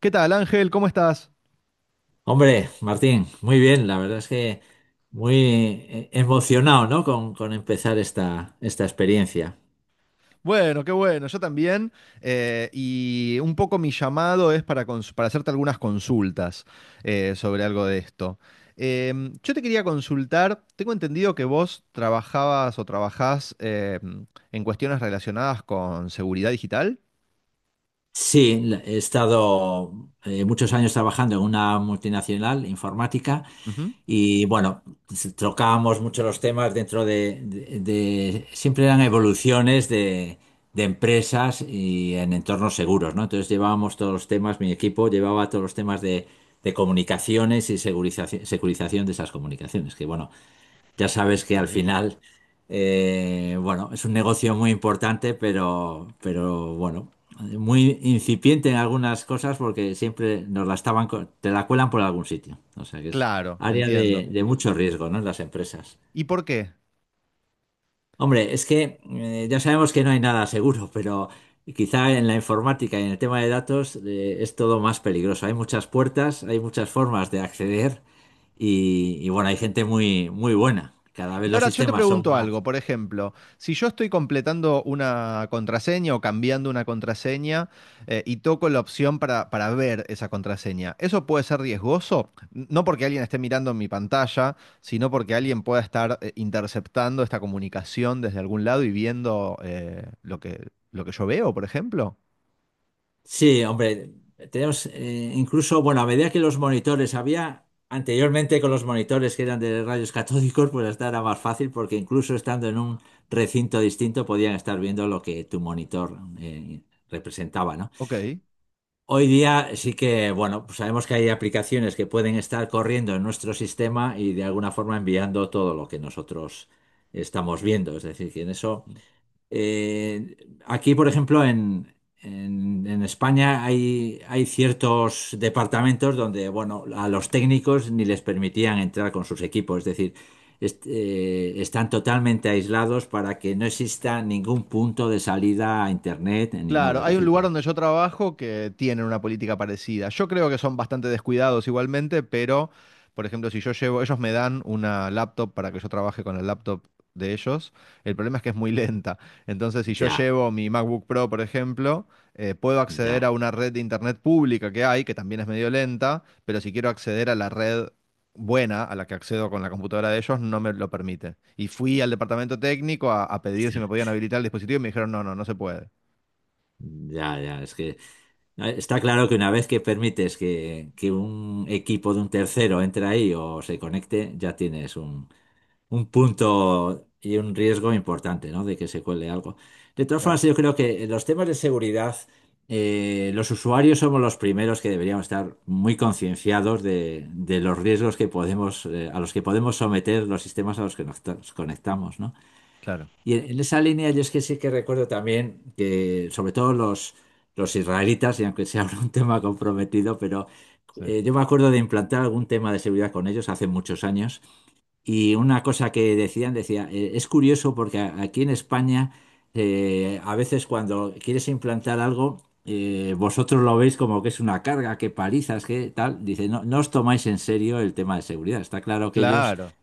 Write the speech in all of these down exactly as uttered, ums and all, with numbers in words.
¿Qué tal, Ángel? ¿Cómo estás? Hombre, Martín, muy bien, la verdad es que muy eh, emocionado, ¿no? Con, con empezar esta, esta experiencia. Bueno, qué bueno, yo también. eh, y un poco mi llamado es para, cons- para hacerte algunas consultas eh, sobre algo de esto. Em, yo te quería consultar, tengo entendido que vos trabajabas o trabajás em, en cuestiones relacionadas con seguridad digital. Sí, la- he estado eh, muchos años trabajando en una multinacional informática Ujú. y bueno, s- trocábamos mucho los temas dentro de, de- de- siempre eran evoluciones de, de empresas y en entornos seguros, ¿no? Entonces llevábamos todos los temas, mi equipo llevaba todos los temas de, de comunicaciones y segurizaci- securización de esas comunicaciones, que bueno. Ya sabes que al Sí. final, eh, bueno, es un negocio muy importante, pero, pero bueno, muy incipiente en algunas cosas porque siempre nos la estaban, co- te la cuelan por algún sitio. O sea que es Claro, área entiendo. de, de mucho riesgo, ¿no? En las empresas. ¿Y por qué? Hombre, es que eh, ya sabemos que no hay nada seguro, pero quizá en la informática y en el tema de datos eh, es todo más peligroso. Hay muchas puertas, hay muchas formas de acceder y, y bueno, hay gente muy, muy buena. Cada vez Y los ahora yo te sistemas son pregunto más. algo, por ejemplo, si yo estoy completando una contraseña o cambiando una contraseña eh, y toco la opción para, para ver esa contraseña, ¿eso puede ser riesgoso? No porque alguien esté mirando mi pantalla, sino porque alguien pueda estar eh, interceptando esta comunicación desde algún lado y viendo eh, lo que, lo que yo veo, por ejemplo. Sí, hombre, tenemos eh, incluso, bueno, a medida que los monitores había anteriormente con los monitores que eran de rayos catódicos, pues hasta era más fácil porque incluso estando en un recinto distinto podían estar viendo lo que tu monitor eh, representaba, ¿no? Ok. Hoy día sí que, bueno, pues sabemos que hay aplicaciones que pueden estar corriendo en nuestro sistema y de alguna forma enviando todo lo que nosotros estamos viendo. Es decir, que en eso. Eh, aquí, por ejemplo, en, en- en España hay, hay ciertos departamentos donde, bueno, a los técnicos ni les permitían entrar con sus equipos, es decir, est- eh, están totalmente aislados para que no exista ningún punto de salida a internet ni nada, Claro, es hay un decir, lugar que donde yo trabajo que tienen una política parecida. Yo creo que son bastante descuidados igualmente, pero, por ejemplo, si yo llevo, ellos me dan una laptop para que yo trabaje con el laptop de ellos, el problema es que es muy lenta. Entonces, si yo ya, llevo mi MacBook Pro, por ejemplo, eh, puedo acceder ya, a una red de internet pública que hay, que también es medio lenta, pero si quiero acceder a la red buena, a la que accedo con la computadora de ellos, no me lo permite. Y fui al departamento técnico a, a pedir si me podían habilitar el dispositivo y me dijeron, no, no, no se puede. ya, ya, es que... eh, Está claro que una vez que permites que, que un equipo de un tercero entre ahí o se conecte, ya tienes un punto y un riesgo importante, ¿no? De que se cuele algo. De todas Claro. formas, yo creo que en los temas de seguridad, eh, los usuarios somos los primeros que deberíamos estar muy concienciados de, de los riesgos que podemos, eh, a los que podemos someter los sistemas a los que nos nos conectamos, ¿no? Claro, Y en, en esa línea, yo es que sí que recuerdo también que, sobre todo los, los israelitas, y aunque sea un tema comprometido, pero sí. eh, yo me acuerdo de implantar algún tema de seguridad con ellos hace muchos años. Y una cosa que decían, decía, eh, es curioso porque a- aquí en España eh, a veces cuando quieres implantar algo, eh, vosotros lo veis como que es una carga, que palizas, que tal. Dice, no, no os tomáis en serio el tema de seguridad. Está claro que ellos Claro.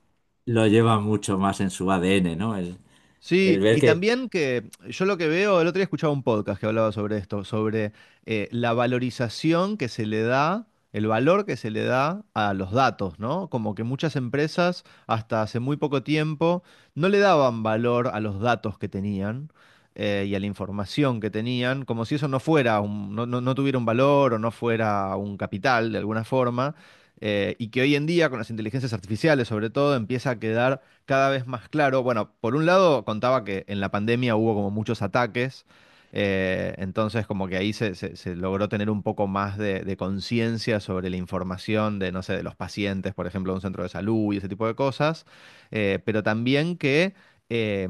lo llevan mucho más en su A D N, ¿no? El, Sí, el ver y que, también que yo lo que veo, el otro día escuchaba un podcast que hablaba sobre esto, sobre eh, la valorización que se le da, el valor que se le da a los datos, ¿no? Como que muchas empresas hasta hace muy poco tiempo no le daban valor a los datos que tenían eh, y a la información que tenían, como si eso no fuera un- no, no- no tuviera un valor o no fuera un capital de alguna forma, eh, y que hoy en día con las inteligencias artificiales sobre todo empieza a quedar cada vez más claro. Bueno, por un lado contaba que en la pandemia hubo como muchos ataques, eh, entonces como que ahí se, se- se logró tener un poco más de, de conciencia sobre la información de, no sé, de los pacientes, por ejemplo, de un centro de salud y ese tipo de cosas. Eh, pero también que eh,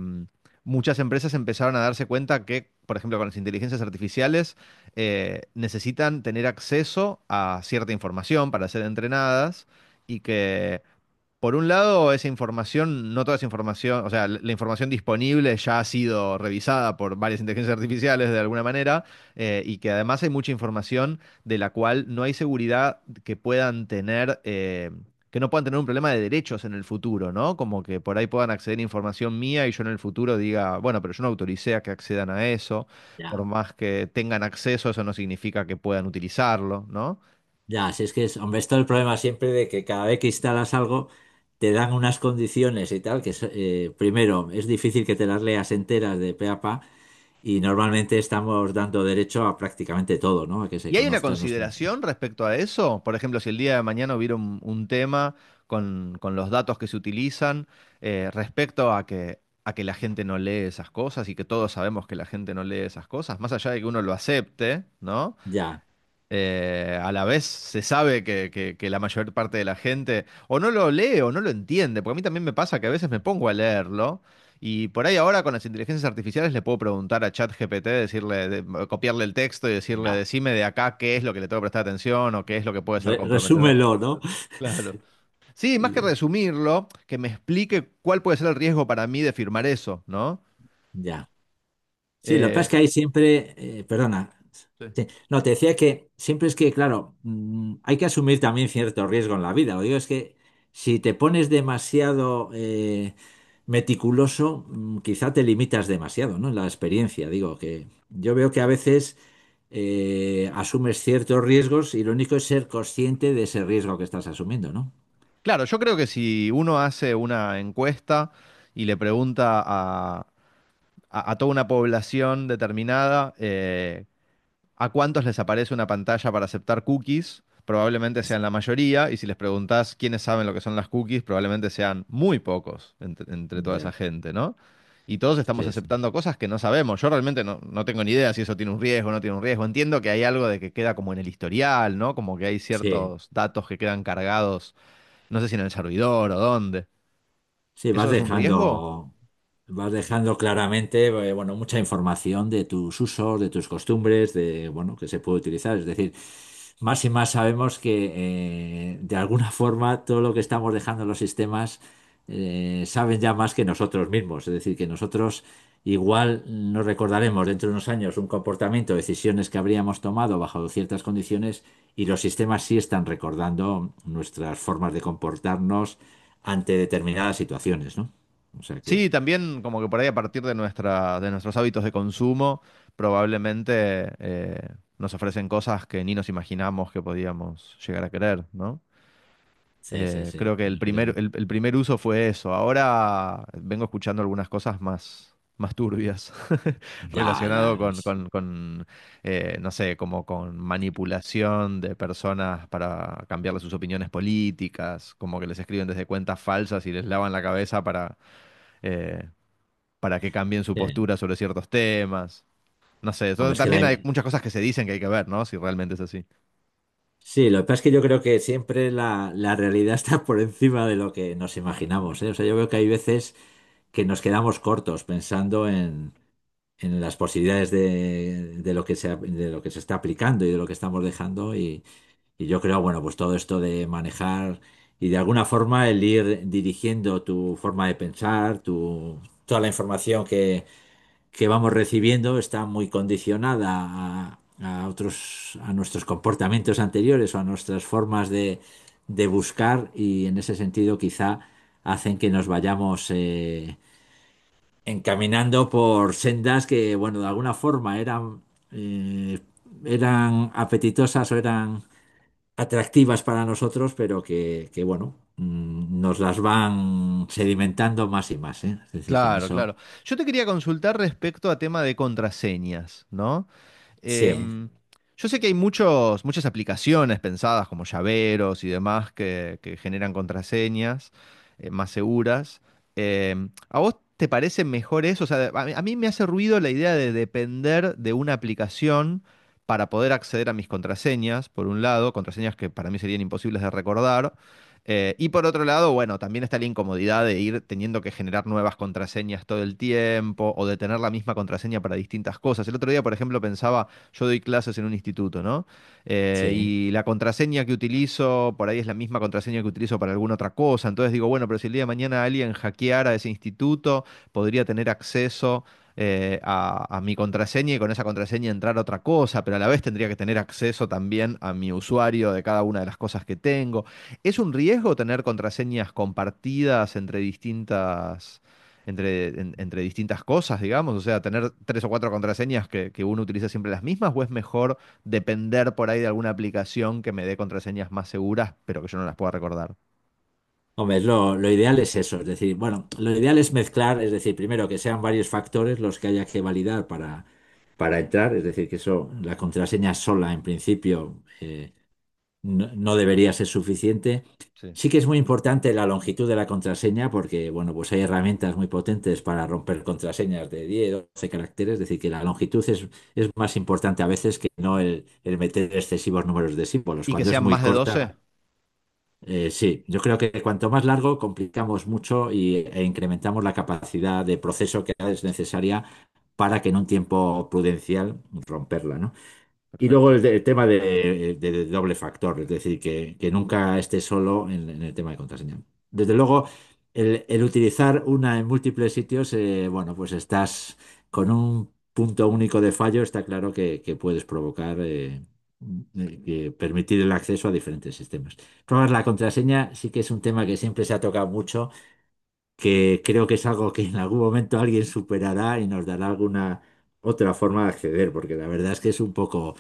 muchas empresas empezaron a darse cuenta que, por ejemplo, con las inteligencias artificiales, eh, necesitan tener acceso a cierta información para ser entrenadas y que por un lado, esa información, no toda esa información, o sea, la la información disponible ya ha sido revisada por varias inteligencias artificiales de alguna manera, eh, y que además hay mucha información de la cual no hay seguridad que puedan tener, eh, que no puedan tener un problema de derechos en el futuro, ¿no? Como que por ahí puedan acceder a información mía y yo en el futuro diga, bueno, pero yo no autoricé a que accedan a eso, ya, por más que tengan acceso, eso no significa que puedan utilizarlo, ¿no? ya, si es que es, hombre, esto es el problema siempre de que cada vez que instalas algo, te dan unas condiciones y tal, que es, eh, primero es difícil que te las leas enteras de pe a pa. Y normalmente estamos dando derecho a prácticamente todo, ¿no? A que se ¿Y hay una conozca nuestro... consideración respecto a eso? Por ejemplo, si el día de mañana hubiera un, un tema con, con los datos que se utilizan eh, respecto a que, a que la gente no lee esas cosas y que todos sabemos que la gente no lee esas cosas, más allá de que uno lo acepte, ¿no? Ya, Eh, a la vez se sabe que, que- que la mayor parte de la gente o no lo lee o no lo entiende, porque a mí también me pasa que a veces me pongo a leerlo y por ahí ahora con las inteligencias artificiales le puedo preguntar a ChatGPT, decirle, de- copiarle el texto y decirle, ya. decime de acá qué es lo que le tengo que prestar atención o qué es lo que puede ser Re- comprometedor. resúmelo, ¿no? Claro. Sí, más que resumirlo, que me explique cuál puede ser el riesgo para mí de firmar eso, ¿no? Ya. Sí, lo que pasa es Eh, que hay siempre, eh, perdona, Sí. sí, no, te decía que siempre es que, claro, mm, hay que asumir también cierto riesgo en la vida. Lo digo es que si te pones demasiado eh, meticuloso, mm, quizá te limitas demasiado, ¿no? En la experiencia, digo, que yo veo que a veces eh, asumes ciertos riesgos y lo único es ser consciente de ese riesgo que estás asumiendo, ¿no? Claro, yo creo que si uno hace una encuesta y le pregunta a, a toda una población determinada, eh, a cuántos les aparece una pantalla para aceptar cookies, probablemente sean la mayoría, y si les preguntás quiénes saben lo que son las cookies, probablemente sean muy pocos entre, entre toda esa Ya, gente, ¿no? Y todos estamos sí, sí. aceptando cosas que no sabemos. Yo realmente no, no tengo ni idea si eso tiene un riesgo o no tiene un riesgo. Entiendo que hay algo de que queda como en el historial, ¿no? Como que hay Sí, ciertos datos que quedan cargados, no sé si en el servidor o dónde. sí, vas ¿Eso es un riesgo? dejando. Vas dejando claramente, eh, bueno, mucha información de tus usos, de tus costumbres, de, bueno, que se puede utilizar. Es decir, más y más sabemos que eh, de alguna forma todo lo que estamos dejando en los sistemas eh, saben ya más que nosotros mismos. Es decir, que nosotros igual nos recordaremos dentro de unos años un comportamiento, decisiones que habríamos tomado bajo ciertas condiciones y los sistemas sí están recordando nuestras formas de comportarnos ante determinadas situaciones, ¿no? O sea que... Sí, también como que por ahí a partir de nuestra, de nuestros hábitos de consumo, probablemente eh, nos ofrecen cosas que ni nos imaginamos que podíamos llegar a querer, ¿no? Sí, sí, Eh, sí, Creo que el yo primer, creo. el, el primer uso fue eso. Ahora vengo escuchando algunas cosas más, más turbias Ya, relacionado ya. con, es- con, con, eh, no sé, como con manipulación de personas para cambiarle sus opiniones políticas, como que les escriben desde cuentas falsas y les lavan la cabeza para... eh, para que cambien su sí. postura sobre ciertos temas. No sé, Hombre, son- es que la... también hay muchas cosas que se dicen que hay que ver, ¿no? Si realmente es así. Sí, lo que pasa es que yo creo que siempre la, la realidad está por encima de lo que nos imaginamos, ¿eh? O sea, yo veo que hay veces que nos quedamos cortos pensando en, en las posibilidades de, de lo que se, de lo que se está aplicando y de lo que estamos dejando. Y, y yo creo, bueno, pues todo esto de manejar y de alguna forma el ir dirigiendo tu forma de pensar, tu, toda la información que, que vamos recibiendo está muy condicionada a, a otros, a nuestros comportamientos anteriores o a nuestras formas de, de buscar y en ese sentido quizá hacen que nos vayamos eh, encaminando por sendas que, bueno, de alguna forma eran, eh, eran apetitosas o eran atractivas para nosotros, pero que, que, bueno, mm, nos las van sedimentando más y más, ¿eh? Es decir, que en Claro, eso... claro. Yo te quería consultar respecto a tema de contraseñas, ¿no? Sí, Em, yo sé que hay muchos, muchas aplicaciones pensadas como llaveros y demás que, que generan contraseñas eh, más seguras. Em, ¿a vos te parece mejor eso? O sea, a mí, a mí me hace ruido la idea de depender de una aplicación para poder acceder a mis contraseñas, por un lado, contraseñas que para mí serían imposibles de recordar. Eh, y por otro lado, bueno, también está la incomodidad de ir teniendo que generar nuevas contraseñas todo el tiempo o de tener la misma contraseña para distintas cosas. El otro día, por ejemplo, pensaba yo doy clases en un instituto, ¿no? Eh, sí. Y la contraseña que utilizo por ahí es la misma contraseña que utilizo para alguna otra cosa. Entonces digo, bueno, pero si el día de mañana alguien hackeara ese instituto, podría tener acceso eh, a, a mi contraseña y con esa contraseña entrar a otra cosa, pero a la vez tendría que tener acceso también a mi usuario de cada una de las cosas que tengo. ¿Es un riesgo tener contraseñas compartidas entre distintas entre, en- entre distintas cosas, digamos? O sea, tener tres o cuatro contraseñas que, que uno utiliza siempre las mismas, o es mejor depender por ahí de alguna aplicación que me dé contraseñas más seguras, pero que yo no las pueda recordar. Hombre, es lo, lo ideal es eso, es decir, bueno, lo ideal es mezclar, es decir, primero que sean varios factores los que haya que validar para, para entrar, es decir, que eso, la contraseña sola en principio eh, no, no debería ser suficiente. Sí, Sí que es muy importante la longitud de la contraseña porque, bueno, pues hay herramientas muy potentes para romper contraseñas de diez doce caracteres, es decir, que la longitud es, es más importante a veces que no el, el meter excesivos números de símbolos. ¿y que Cuando es sean muy más de doce? corta eh, sí, yo creo que cuanto más largo, complicamos mucho y, e incrementamos la capacidad de proceso que es necesaria para que en un tiempo prudencial romperla, ¿no? Y luego Perfecto. el, de- el tema de, de- de doble factor, es decir, que, que nunca esté solo en, en el tema de contraseña. Desde luego, el, el utilizar una en múltiples sitios, eh, bueno, pues estás con un punto único de fallo, está claro que, que puedes provocar, eh, eh, que permitir el acceso a diferentes sistemas. Probar la contraseña sí que es un tema que siempre se ha tocado mucho que creo que es algo que en algún momento alguien superará y nos dará alguna otra forma de acceder, porque la verdad es que es un poco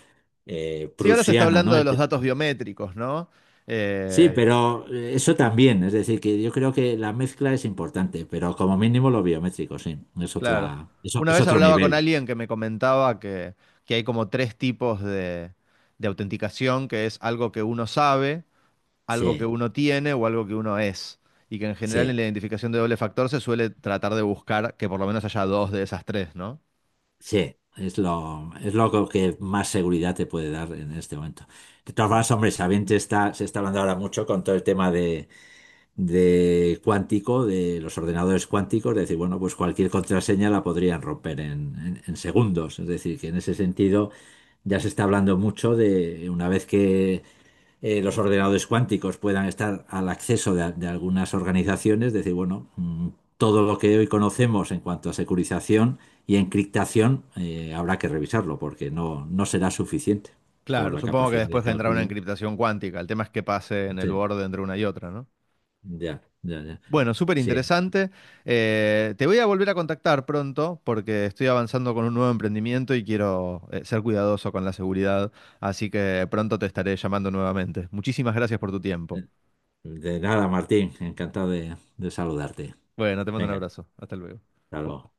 eh, Sí, ahora se está prusiano, hablando ¿no? de El- los datos biométricos, ¿no? Sí, Eh, pero eh, eso también, es decir, que yo creo que la mezcla es importante, pero como mínimo lo biométrico, sí, es claro. otra, eso Una es vez otro hablaba con nivel. alguien que me comentaba que, que hay como tres tipos de, de autenticación, que es algo que uno sabe, algo que Sí, uno tiene o algo que uno es. Y que en general en sí, la identificación de doble factor se suele tratar de buscar que por lo menos haya dos de esas tres, ¿no? sí. Es lo, es lo que más seguridad te puede dar en este momento. De todas Claro. formas, hombre, sabiente está, se está hablando ahora mucho con todo el tema de, de cuántico, de los ordenadores cuánticos, de decir, bueno, pues cualquier contraseña la podrían romper en, en- en segundos. Es decir, que en ese sentido ya se está hablando mucho de una vez que eh, los ordenadores cuánticos puedan estar al acceso de, de algunas organizaciones, decir, bueno, mm, todo lo que hoy conocemos en cuanto a securización y encriptación eh, habrá que revisarlo porque no, no será suficiente por Claro, la supongo que capacidad de después vendrá una cálculo. encriptación cuántica. El tema es que pase en el Sí, borde entre una y otra, ¿no? ya, ya, ya. Bueno, súper Sí. interesante. Eh, te voy a volver a contactar pronto porque estoy avanzando con un nuevo emprendimiento y quiero eh, ser cuidadoso con la seguridad. Así que pronto te estaré llamando nuevamente. Muchísimas gracias por tu tiempo. eh, De nada, Martín, encantado de, de saludarte. Bueno, te mando un Venga, abrazo. Hasta luego. hasta luego.